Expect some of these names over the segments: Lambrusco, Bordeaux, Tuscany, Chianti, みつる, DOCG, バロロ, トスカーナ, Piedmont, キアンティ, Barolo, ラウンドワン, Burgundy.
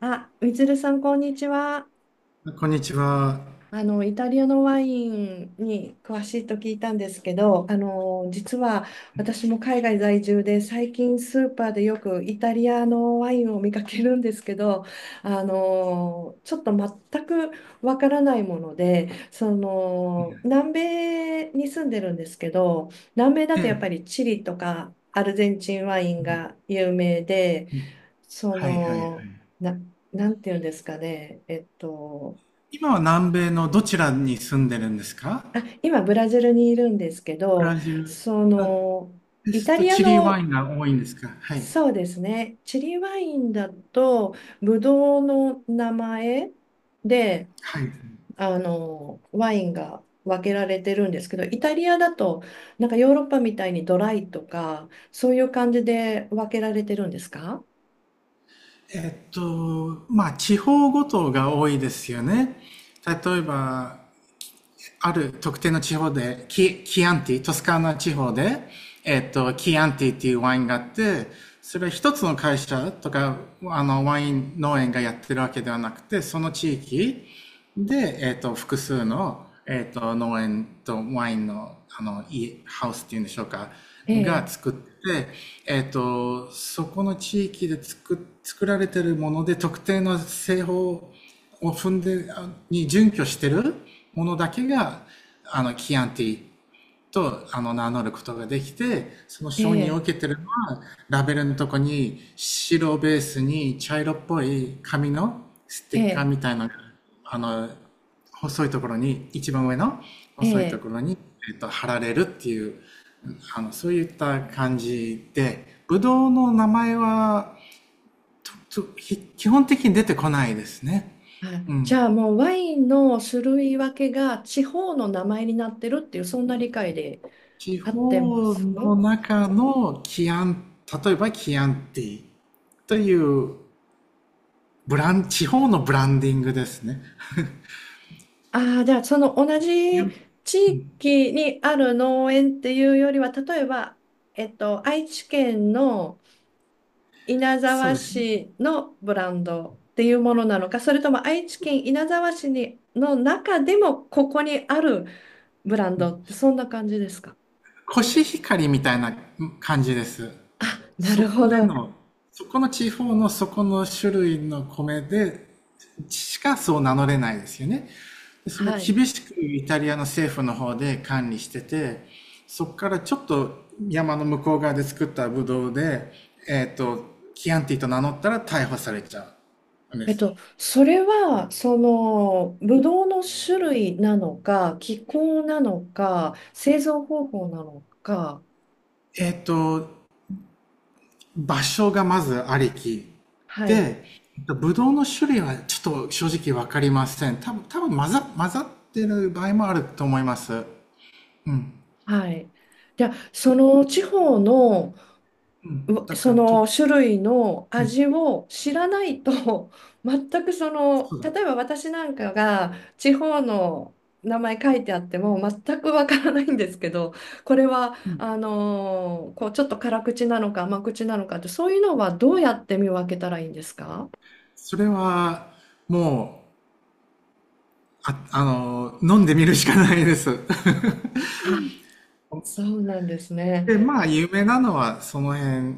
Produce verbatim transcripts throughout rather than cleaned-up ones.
あ、みつるさん、こんにちは。こんにちは。あの、イタリアのワインに詳しいと聞いたんですけど、あの、実は私も海外在住で、最近スーパーでよくイタリアのワインを見かけるんですけど、あの、ちょっと全くわからないもので、その、南米に住んでるんですけど、南米だえとやっぱえ、りチリとかアルゼンチンワインが有名で、そはいはいはい。の、な、なんていうんですかね、えっと、今は南米のどちらに住んでるんですか？あ、今ブラジルにいるんですけブど、ラジル、そあの、でイすタとリアチリワイの、ンが多いんですか？はい。そうですね、チリワインだと、ブドウの名前で、はい。あの、ワインが分けられてるんですけど、イタリアだと、なんかヨーロッパみたいにドライとか、そういう感じで分けられてるんですか？えっと、まあ地方ごとが多いですよね。例えば、ある特定の地方で、キ、キアンティ、トスカーナ地方で、えっと、キアンティっていうワインがあって、それは一つの会社とか、あの、ワイン農園がやってるわけではなくて、その地域、で、えっと、複数の、えっと、農園とワインの、あの、家、ハウスっていうんでしょうか、えがえ、作って、えっと、そこの地域で作、作られてるもので、特定の製法を踏んで、に準拠してるものだけが、あの、キアンティとあの名乗ることができて、そのえ承認をえ、受けてるのは、ラベルのとこに白ベースに茶色っぽい紙のステえッカーえ、みたいな、あの、細いところに、一番上のえ細いとえ。ころに、えっと、貼られるっていう、あの、そういった感じで、ブドウの名前は、ちょ基本的に出てこないですね。はうい。じん。ゃあ、もうワインの種類分けが地方の名前になってるっていう、そんな理解で地合ってま方す？の中のキアン、例えばキアンティというブラン、地方のブランディングですね。ああー、じゃあその同じ地域にある農園っていうよりは、例えば、えっと、愛知県の稲そう沢ですね。市のブランドっていうものなのか、それとも愛知県稲沢市にの中でもここにあるブランドって、そんな感じですか？コシヒカリみたいな感じです。なそるこほでど。の、そこの地方のそこの種類の米で、しかそう名乗れないですよね。でそれははい。厳しくイタリアの政府の方で管理してて、そこからちょっと山の向こう側で作ったブドウで、えっ、と、キアンティと名乗ったら逮捕されちゃうんでえっす。と、それは、その、ぶどうの種類なのか、気候なのか、製造方法なのか、えっ、と、場所がまずありき。はい、で、ブドウの種類はちょっと正直わかりません。多分、多分混ざ、混ざってる場合もあると思います。うん。はい。じゃあ、その地方のうん。うだかそら、と、の種類のうん。味を知らないと 全くそその、うだ。例えば私なんかが地方の名前書いてあっても全くわからないんですけど、これはあのーこうちょっと辛口なのか甘口なのかって、そういうのはどうやって見分けたらいいんですか？それは、もう、あ、あの、飲んでみるしかないです。あ、そうなんです で、ね。まあ、有名なのはその辺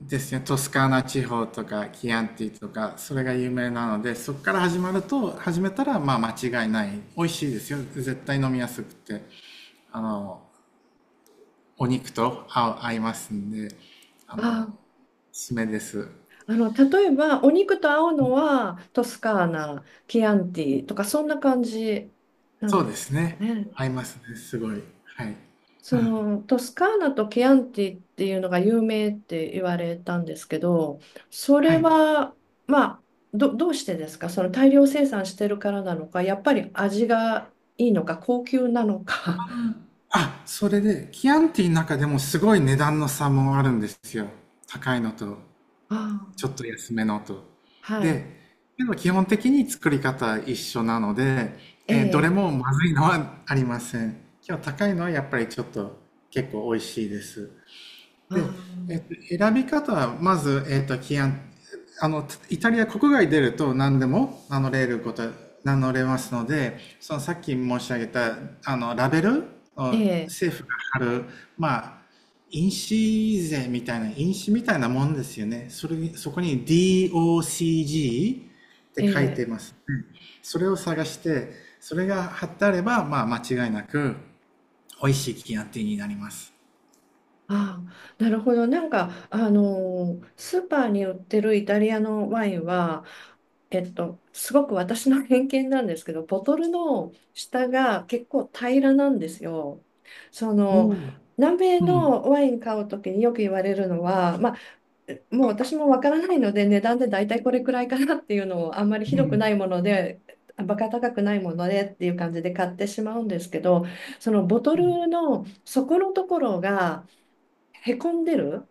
ですね。トスカーナ地方とか、キアンティとか、それが有名なので、そこから始まると、始めたら、まあ、間違いない。美味しいですよ。絶対飲みやすくて。あの、お肉と合う合いますんで、あの、あ、おすすめです。あの例えばお肉と合うのはトスカーナ、キアンティとか、そんな感じなんそうでですすかね。ね。合いますね。すごい。はい。そのトスカーナとケアンティっていうのが有名って言われたんですけど、そはれい。は、まあ、ど、どうしてですか？その大量生産してるからなのか、やっぱり味がいいのか、高級なのか。あ、それで、キアンティの中でもすごい値段の差もあるんですよ。高いのと、あちょっあ、と安めのと。はい。で、けど基本的に作り方一緒なので、ええーどれえ、もまずいのはありません。今日高いのはやっぱりちょっと結構美味しいです。あで、えっと、あ、選び方は、まず、えっと、規案、あの、イタリア国外出ると何でも名乗れること、名乗れますので、そのさっき申し上げた、あの、ラベルえをえ、政府が貼る、まあ、印紙税みたいな、印紙みたいなもんですよね。それ、そこに ディーオーシージー えって書いえ。てます。それを探して、それが貼ってあれば、まあ、間違いなく、美味しいキアンティになります。ああ、なるほど。なんか、あのースーパーに売ってるイタリアのワインは、えっと、すごく私の偏見なんですけど、ボトルの下が結構平らなんですよ。そおの、お。南米うん。のワイン買うときによく言われるのは、まあ、もう私もわからないので、値段で大体これくらいかなっていうのを、あんまりひうどくなんいもので、バカ高くないものでっていう感じで買ってしまうんですけど、そのボトルの底のところが、へこんでるっ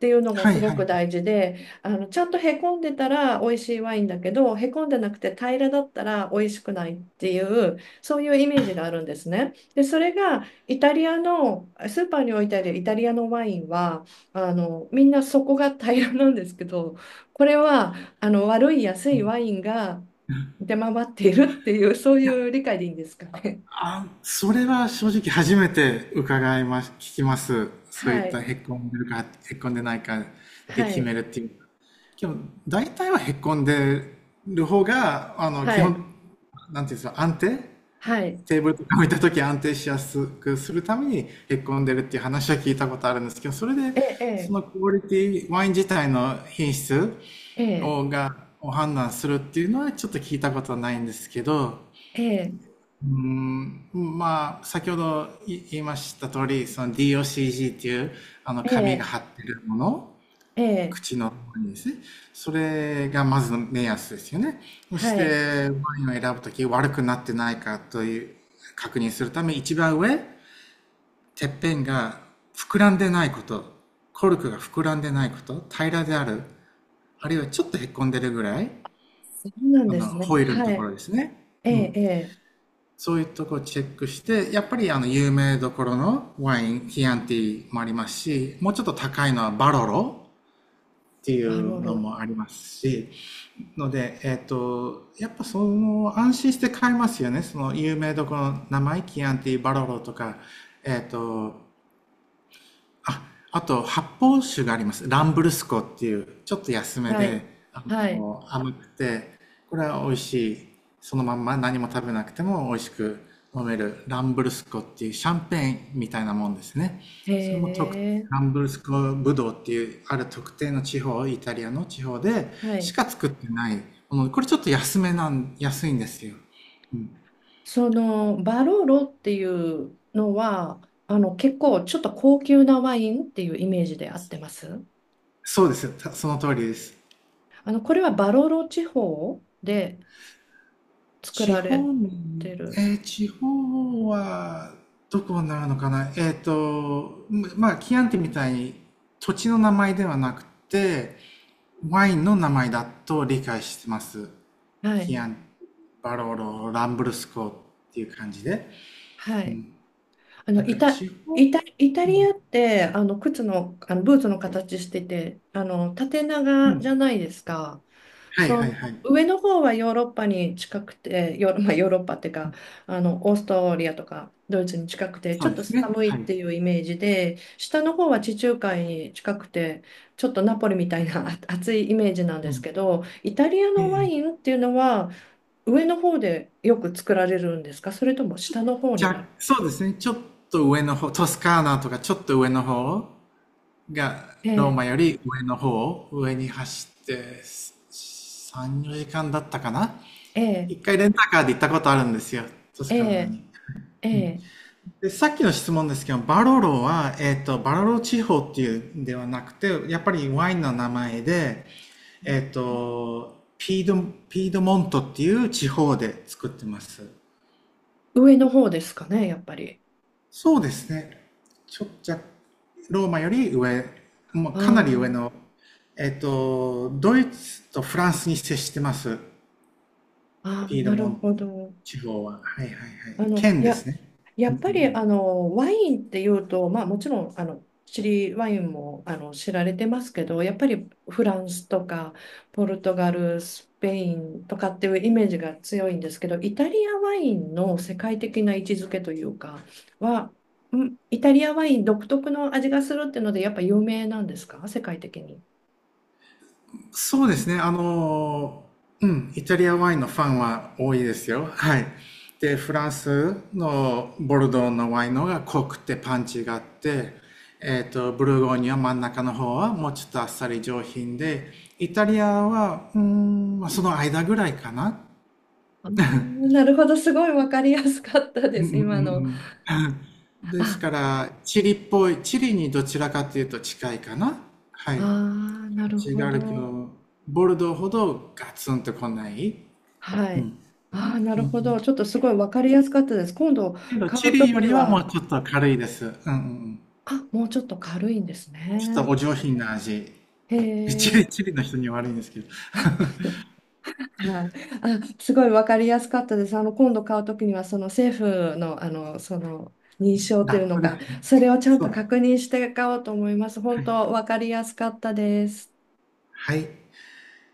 ていうのがはすいごはい。いく大事で、あの、ちゃんとへこんでたら美味しいワインだけど、へこんでなくて平らだったら美味しくないっていう、そういうイメージがあるんですね。で、それがイタリアの、スーパーに置いてあるイタリアのワインは、あの、みんなそこが平らなんですけど、これは、あの、悪い安いワインが出回っているっていう、そういや、う理解でいいんですかね。あ、それは正直初めて伺います、聞きます。そうはいったい、へっこんでるか、へっこんでないかでは決めい、るっていう。でも、大体はへっこんでる方が、あの、は基本、い、なんていうんですか、安定、はい。テーブルとか置いた時安定しやすくするためにへっこんでるっていう話は聞いたことあるんですけど、それで、えそえ、のクオリティ、ワイン自体の品質ええ。えを、えが、を判断するっていうのはちょっと聞いたことはないんですけど、ええ、うーん、まあ、先ほどい言いました通り、その ディーオーシージー っていう、あの、え紙がえ、貼ってるもの、ええ、口のところにですね、それがまずの目安ですよね。そしはい。て、ワインを選ぶとき、悪くなってないかという、確認するため、一番上、てっぺんが膨らんでないこと、コルクが膨らんでないこと、平らである、あるいはちょっとへっこんでるぐらい、そうなんあでの、すね。ホイールのはところい。ですね。えうえ、ん。ええ、そういうところをチェックして、やっぱりあの有名どころのワイン、キアンティもありますし、もうちょっと高いのはバロロっていバロうのロ。もありますし、ので、えっ、と、やっぱその安心して買えますよね。その有名どころの名前、キアンティ、バロロとか、えっ、と、あ、あと発泡酒があります。ランブルスコっていう、ちょっと安めはで、い。あはい。の、甘くて、これは美味しい。そのまんま何も食べなくても美味しく飲めるランブルスコっていうシャンペーンみたいなもんですね。へそれも特、え、ランブルスコブドウっていうある特定の地方、イタリアの地方ではしい。か作ってないもの。これちょっと安めなん、安いんですよ。うん、その、バロロっていうのは、あの、結構ちょっと高級なワインっていうイメージで合ってます？そうですよ。たその通りです。あの、これはバロロ地方で作地られ方、てえる。ー地方はどこになるのかな、えっと、まあ、キアンティみたいに土地の名前ではなくて、ワインの名前だと理解してます。はキアい。ン、バローロ、ランブルスコっていう感じで。はうい。ん。あだの、かイらタ、地方、イタ、イタうリん、アって、あの、靴の、あの、ブーツの形してて、あの、縦う長じん。ゃないですか。はいそはいの、はい。上の方はヨーロッパに近くて、ヨーロ、まあ、ヨーロッパっていうか、あの、オーストリアとかドイツに近くて、そちうょっでとすね。寒はいっい。ていうイメージで、下の方は地中海に近くて、ちょっとナポリみたいなあ 暑いイメージなんうですん。けど、イタリアえのワえ。インっていうのは、上の方でよく作られるんですか？それとも下の方じになゃ、る？そうですね。ちょっと上の方、トスカーナとかちょっと上の方が、ローええマより上の方、を上に走ってさん、よじかんだったかな、え一え回レンタカーで行ったことあるんですよ、トスえカーナえ、に。えうん、え、でさっきの質問ですけど、バロロは、えっ、と、バロロ地方っていうんではなくて、やっぱりワインの名前で、えっ、と、ピード、ピードモントっていう地方で作ってます。上の方ですかね、やっぱり。そうですね。ちょっと、ローマより上、もうあかなり上の、ーえっと、ドイツとフランスに接してます。あー、あ、ピードなモるントほど。地方は。はいはいはい。あの、県いでや、すね。やうんっうんうぱり、ん。あの、ワインっていうと、まあ、もちろん、あの、チリワインも、あの、知られてますけど、やっぱりフランスとか、ポルトガル、スペインとかっていうイメージが強いんですけど、イタリアワインの世界的な位置づけというか、は、んイタリアワイン独特の味がするっていうので、やっぱ有名なんですか、世界的に。そうですね。あの、うん、イタリアワインのファンは多いですよ。はい。で、フランスのボルドーのワインの方が濃くてパンチがあって、えっと、ブルゴーニュは真ん中の方はもうちょっとあっさり上品で、イタリアは、うーん、まあその間ぐらいかな。あー、なるほど、すごいわかりやすかったうでんうんす、う今の。んうん。ですあ、から、チリっぽい、チリにどちらかというと近いかな。はあい。ー、なる違ほうけど。ど、ボルドーほどガツンと来ない。はうん。い。ああ、なうんるうほど。ん。ちょっとすごいわかりやすかったです。今度けど、買チうとリよきりはもは、うちょっと軽いです。うんうん。あ、もうちょっと軽いんですちょっね。とお上品な味。へチリ、え。チリの人には悪いんですけど。はい、あ、すごいわかりやすかったです。あの今度買うときにはその政府の、あのその認証とラいうッのプでか、すね。それをちゃんそうとで確認して買おうと思います。す。本はい。当わかりやすかったです。はい。